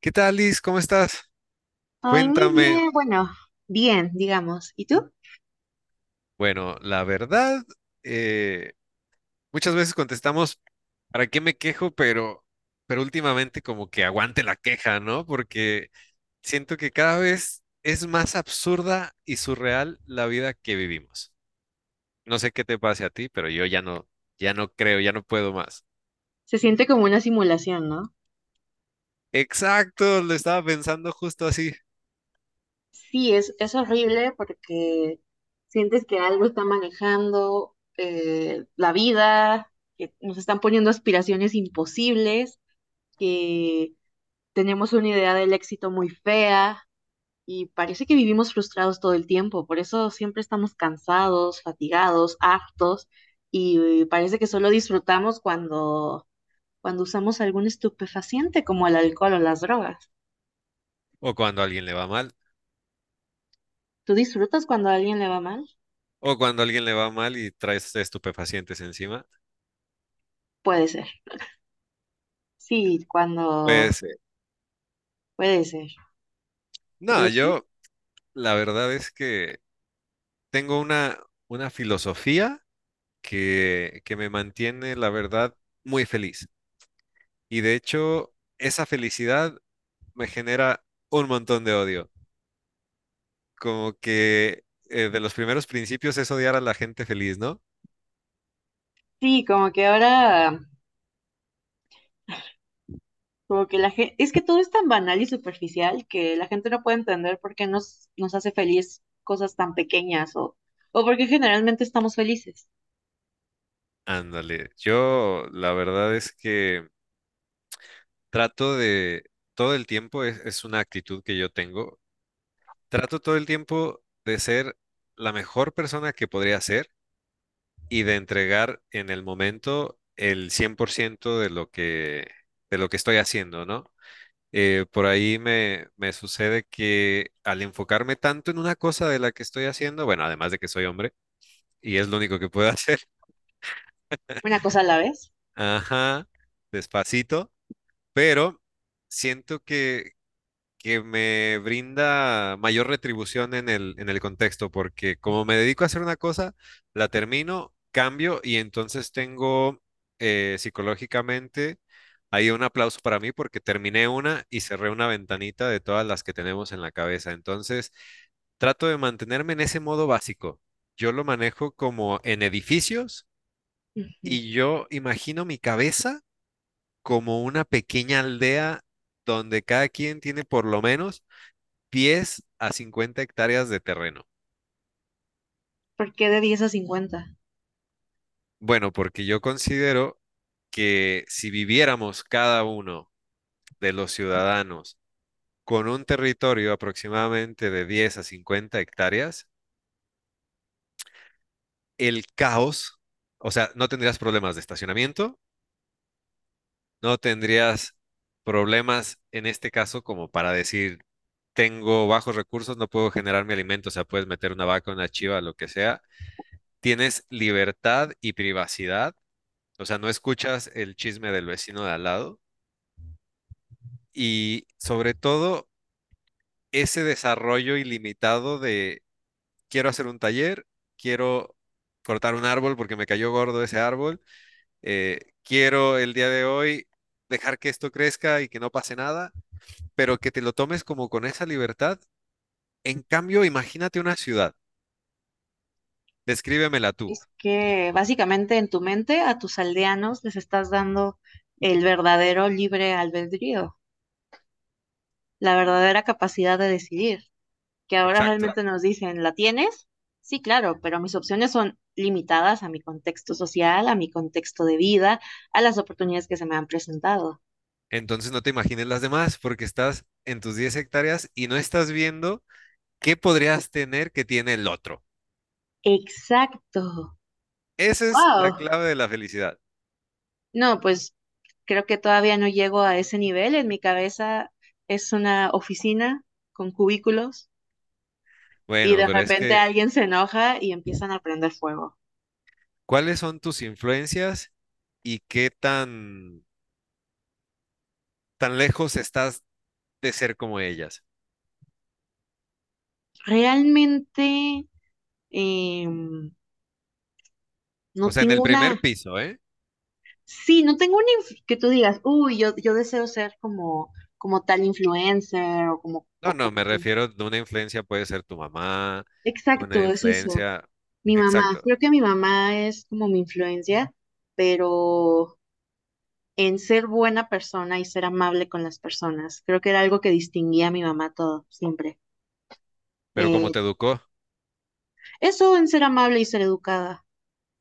¿Qué tal, Liz? ¿Cómo estás? Ay, muy Cuéntame. bien, bueno, bien, digamos. ¿Y tú? Bueno, la verdad, eh, muchas veces contestamos, ¿para qué me quejo? Pero últimamente como que aguante la queja, ¿no? Porque siento que cada vez es más absurda y surreal la vida que vivimos. No sé qué te pase a ti, pero yo ya no, ya no creo, ya no puedo más. Se siente como una simulación, ¿no? Exacto, lo estaba pensando justo así. Sí, es horrible porque sientes que algo está manejando la vida, que nos están poniendo aspiraciones imposibles, que tenemos una idea del éxito muy fea y parece que vivimos frustrados todo el tiempo. Por eso siempre estamos cansados, fatigados, hartos y parece que solo disfrutamos cuando usamos algún estupefaciente como el alcohol o las drogas. O cuando a alguien le va mal, ¿Tú disfrutas cuando a alguien le va mal? o cuando a alguien le va mal y traes estupefacientes encima. Puede ser. Sí, cuando Pues, puede ser. Pero no, sí, yo... La verdad es que tengo una filosofía que me mantiene, la verdad, muy feliz. Y de hecho, esa felicidad me genera un montón de odio. Como que de los primeros principios es odiar a la gente feliz, ¿no? sí, como que ahora, como que la gente, es que todo es tan banal y superficial que la gente no puede entender por qué nos hace feliz cosas tan pequeñas o por qué generalmente estamos felices. Ándale, yo la verdad es que trato de, todo el tiempo, es una actitud que yo tengo, trato todo el tiempo de ser la mejor persona que podría ser y de entregar en el momento el 100% de de lo que estoy haciendo, ¿no? Por ahí me sucede que al enfocarme tanto en una cosa de la que estoy haciendo, bueno, además de que soy hombre y es lo único que puedo hacer, Una cosa a la vez. ajá, despacito, pero siento que me brinda mayor retribución en en el contexto, porque como me dedico a hacer una cosa, la termino, cambio y entonces tengo psicológicamente ahí un aplauso para mí porque terminé una y cerré una ventanita de todas las que tenemos en la cabeza. Entonces, trato de mantenerme en ese modo básico. Yo lo manejo como en edificios Ujú. y yo imagino mi cabeza como una pequeña aldea donde cada quien tiene por lo menos pies a 50 hectáreas de terreno. ¿Por qué de 10 a 50? Bueno, porque yo considero que si viviéramos cada uno de los ciudadanos con un territorio aproximadamente de 10 a 50 hectáreas, el caos, o sea, no tendrías problemas de estacionamiento, no tendrías problemas en este caso como para decir, tengo bajos recursos, no puedo generar mi alimento, o sea, puedes meter una vaca, una chiva, lo que sea. Tienes libertad y privacidad. O sea, no escuchas el chisme del vecino de al lado y sobre todo ese desarrollo ilimitado de quiero hacer un taller, quiero cortar un árbol porque me cayó gordo ese árbol, quiero el día de hoy dejar que esto crezca y que no pase nada, pero que te lo tomes como con esa libertad. En cambio, imagínate una ciudad, descríbemela tú, Es que básicamente en tu mente a tus aldeanos les estás dando el verdadero libre albedrío, la verdadera capacidad de decidir, que ahora exacto. realmente nos dicen, ¿la tienes? Sí, claro, pero mis opciones son limitadas a mi contexto social, a mi contexto de vida, a las oportunidades que se me han presentado. Entonces no te imagines las demás porque estás en tus 10 hectáreas y no estás viendo ¿qué podrías tener que tiene el otro? Exacto. Esa es la Wow. clave de la felicidad. No, pues creo que todavía no llego a ese nivel. En mi cabeza es una oficina con cubículos y Bueno, de pero es repente que, alguien se enoja y empiezan a prender fuego. ¿cuáles son tus influencias y qué tan lejos estás de ser como ellas? Realmente eh, O no sea, en el tengo primer una, piso, ¿eh? sí, no tengo una que tú digas, uy, yo deseo ser como tal influencer o como, No, o no, como me tal". refiero de una influencia puede ser tu mamá, Exacto, una es eso. influencia, Mi mamá, exacto. creo que mi mamá es como mi influencia, pero en ser buena persona y ser amable con las personas. Creo que era algo que distinguía a mi mamá todo, siempre. Pero cómo Eh, te educó, Eso en ser amable y ser educada.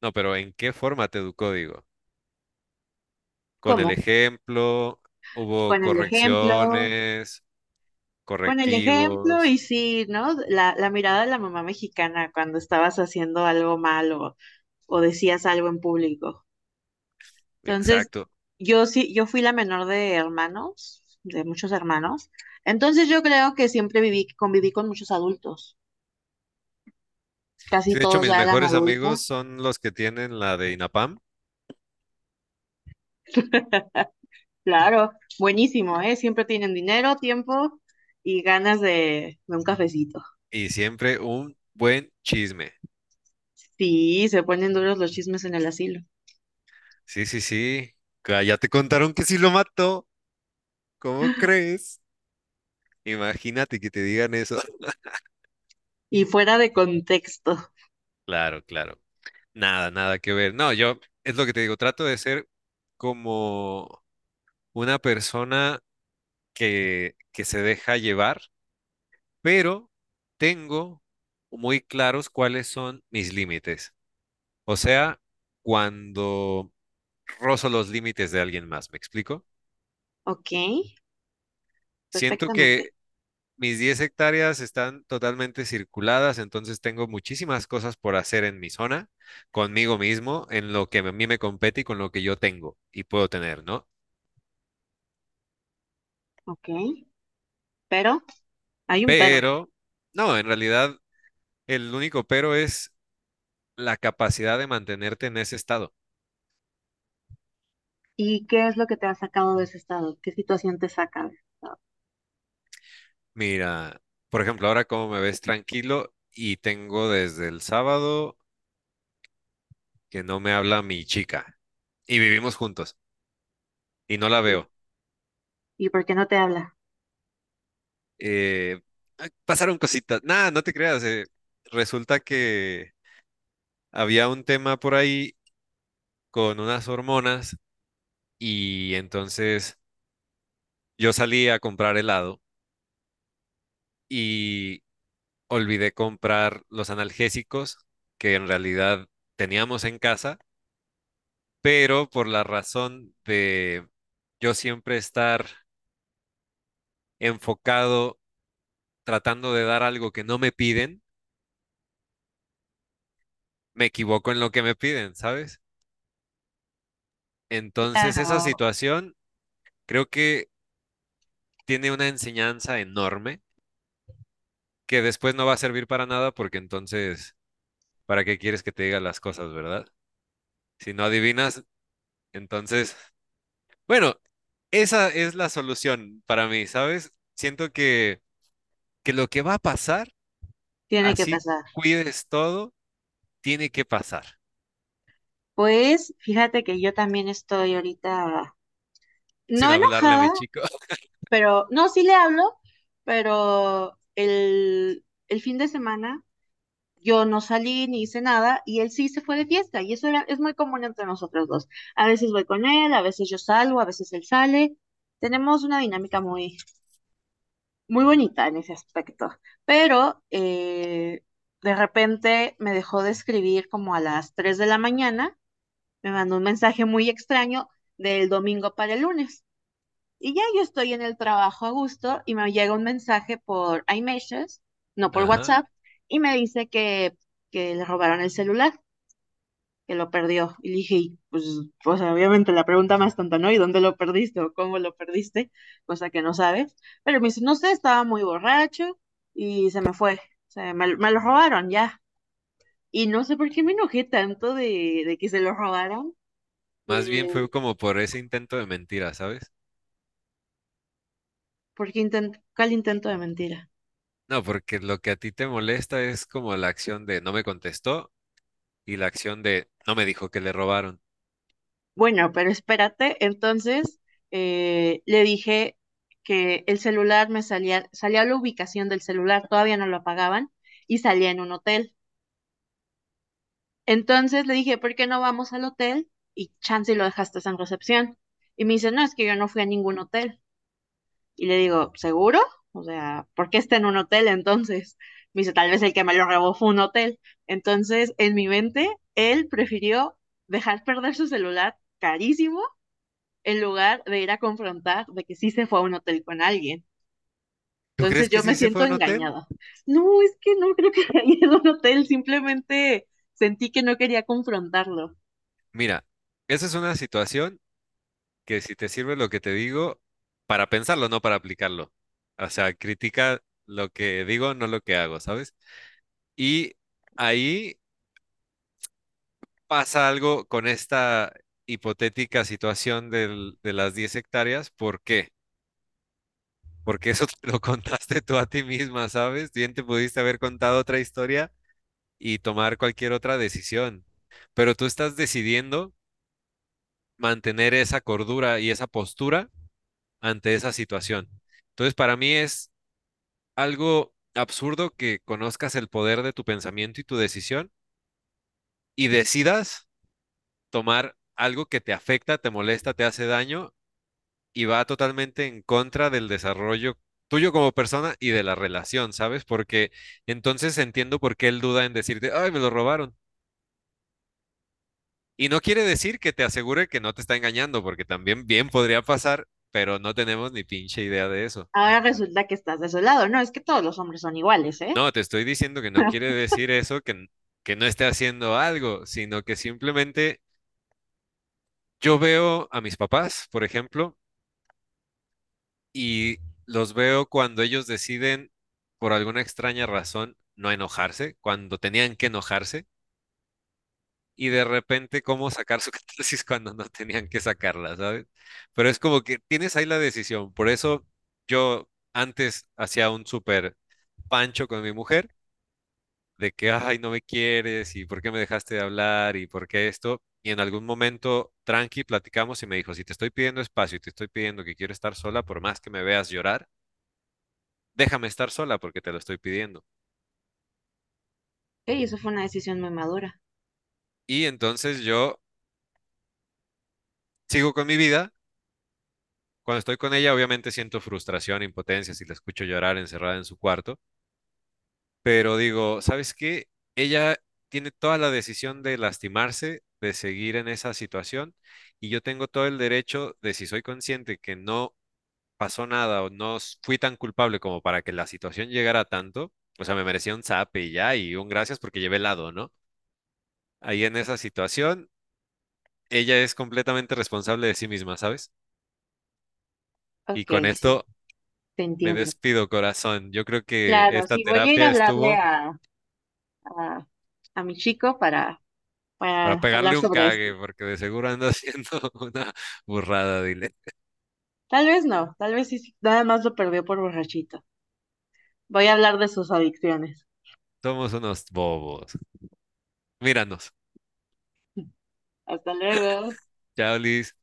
no, pero ¿en qué forma te educó, digo? Con el ¿Cómo? ejemplo, hubo Con el ejemplo, correcciones, con el ejemplo correctivos, y sí, ¿no? La mirada de la mamá mexicana cuando estabas haciendo algo malo o decías algo en público. Entonces, exacto. yo sí, yo fui la menor de hermanos, de muchos hermanos. Entonces, yo creo que siempre viví, conviví con muchos adultos. Casi Sí, de hecho, todos mis ya eran mejores amigos adultos. son los que tienen la de INAPAM Claro, buenísimo, ¿eh? Siempre tienen dinero, tiempo y ganas de un cafecito. y siempre un buen chisme. Sí, se ponen duros los chismes en el asilo. Sí, sí, sí. Ya te contaron que sí lo mató. ¿Cómo crees? Imagínate que te digan eso. Y fuera de contexto. Claro, claro. Nada, nada que ver. No, yo es lo que te digo, trato de ser como una persona que se deja llevar, pero tengo muy claros cuáles son mis límites. O sea, cuando rozo los límites de alguien más, ¿me explico? Ok, Siento perfectamente. que mis 10 hectáreas están totalmente circuladas, entonces tengo muchísimas cosas por hacer en mi zona, conmigo mismo, en lo que a mí me compete y con lo que yo tengo y puedo tener, ¿no? Ok, pero hay un pero. Pero, no, en realidad el único pero es la capacidad de mantenerte en ese estado. ¿Y qué es lo que te ha sacado de ese estado? ¿Qué situación te saca de ese estado? Mira, por ejemplo, ahora como me ves tranquilo y tengo desde el sábado que no me habla mi chica, y vivimos juntos y no la ¿Y, veo. y por qué no te habla? Eh, "Ay, pasaron cositas. Nada, no te creas. Resulta que había un tema por ahí con unas hormonas y entonces yo salí a comprar helado y olvidé comprar los analgésicos que en realidad teníamos en casa, pero por la razón de yo siempre estar enfocado tratando de dar algo que no me piden, me equivoco en lo que me piden, ¿sabes? Entonces, esa Claro, situación creo que tiene una enseñanza enorme que después no va a servir para nada porque entonces, ¿para qué quieres que te diga las cosas, verdad? Si no adivinas, entonces, bueno, esa es la solución para mí, ¿sabes? Siento que lo que va a pasar, tiene que así pasar. cuides todo, tiene que pasar, Pues fíjate que yo también estoy ahorita, sin no hablarle a mi enojada, chico. pero no, sí le hablo, pero el fin de semana Yo no salí ni hice nada y él sí se fue de fiesta y eso era, es muy común entre nosotros dos. A veces voy con él, a veces yo salgo, a veces él sale. Tenemos una dinámica muy, muy bonita en ese aspecto, pero de repente me dejó de escribir como a las 3:00 de la mañana, me mandó un mensaje muy extraño del domingo para el lunes. Y ya yo estoy en el trabajo a gusto y me llega un mensaje por iMessages, no por Ajá. WhatsApp, y me dice que le robaron el celular que lo perdió. Y le dije, y, pues, o sea obviamente la pregunta más tonta, ¿no? ¿Y dónde lo perdiste o cómo lo perdiste? Cosa que no sabes. Pero me dice, no sé, estaba muy borracho y se me fue. O sea, me lo robaron ya. Y no sé por qué me enojé tanto de que se lo robaron, Más eh, bien fue como por ese intento de mentira, ¿sabes? porque intent ¿cuál intento de mentira? No, porque lo que a ti te molesta es como la acción de no me contestó, y la acción de no me dijo que le robaron. Bueno, pero espérate, entonces le dije que el celular me salía, salía la ubicación del celular, todavía no lo apagaban, y salía en un hotel. Entonces le dije, ¿por qué no vamos al hotel? Y chance y lo dejaste en recepción. Y me dice, no, es que yo no fui a ningún hotel. Y le digo, ¿seguro? O sea, ¿por qué está en un hotel entonces? Me dice, tal vez el que me lo robó fue un hotel. Entonces, en mi mente, él prefirió dejar perder su celular carísimo en lugar de ir a confrontar de que sí se fue a un hotel con alguien. ¿Tú crees Entonces que yo me sí se fue siento a un hotel? engañada. No, es que no creo que haya ido a un hotel, simplemente sentí que no quería confrontarlo. Mira, esa es una situación que si te sirve lo que te digo, para pensarlo, no para aplicarlo. O sea, critica lo que digo, no lo que hago, ¿sabes? Y ahí pasa algo con esta hipotética situación de las 10 hectáreas. ¿Por qué? Porque eso te lo contaste tú a ti misma, ¿sabes? Bien te pudiste haber contado otra historia y tomar cualquier otra decisión, pero tú estás decidiendo mantener esa cordura y esa postura ante esa situación. Entonces, para mí es algo absurdo que conozcas el poder de tu pensamiento y tu decisión y decidas tomar algo que te afecta, te molesta, te hace daño y va totalmente en contra del desarrollo tuyo como persona y de la relación, ¿sabes? Porque entonces entiendo por qué él duda en decirte, ay, me lo robaron. Y no quiere decir que te asegure que no te está engañando, porque también bien podría pasar, pero no tenemos ni pinche idea de eso. Ahora resulta que estás desolado. No, es que todos los hombres son iguales, ¿eh? No, te estoy diciendo que no quiere decir eso, que no esté haciendo algo, sino que simplemente yo veo a mis papás, por ejemplo, y los veo cuando ellos deciden, por alguna extraña razón, no enojarse, cuando tenían que enojarse, y de repente cómo sacar su catarsis cuando no tenían que sacarla, ¿sabes? Pero es como que tienes ahí la decisión. Por eso yo antes hacía un súper pancho con mi mujer de que, ay, no me quieres y por qué me dejaste de hablar y por qué esto. Y en algún momento, tranqui, platicamos y me dijo, si te estoy pidiendo espacio y te estoy pidiendo que quiero estar sola, por más que me veas llorar, déjame estar sola porque te lo estoy pidiendo. Sí, eso fue una decisión muy madura. Y entonces yo sigo con mi vida. Cuando estoy con ella, obviamente siento frustración, impotencia si la escucho llorar encerrada en su cuarto, pero digo, ¿sabes qué? Ella tiene toda la decisión de lastimarse, de seguir en esa situación, y yo tengo todo el derecho de, si soy consciente que no pasó nada o no s- fui tan culpable como para que la situación llegara a tanto, o sea, me merecía un zap y ya, y un gracias porque llevé helado, ¿no? Ahí en esa situación, ella es completamente responsable de sí misma, ¿sabes? Y Ok, con sí, esto te me entiendo. despido, corazón. Yo creo que Claro, esta sí, voy a ir a terapia hablarle estuvo a, a mi chico para, para para hablar pegarle un sobre esto. cague, porque de seguro anda haciendo una burrada, dile. Tal vez no, tal vez sí, sí, nada más lo perdió por borrachito. Voy a hablar de sus adicciones. Somos unos bobos. Míranos. Hasta luego. Chao, Liz.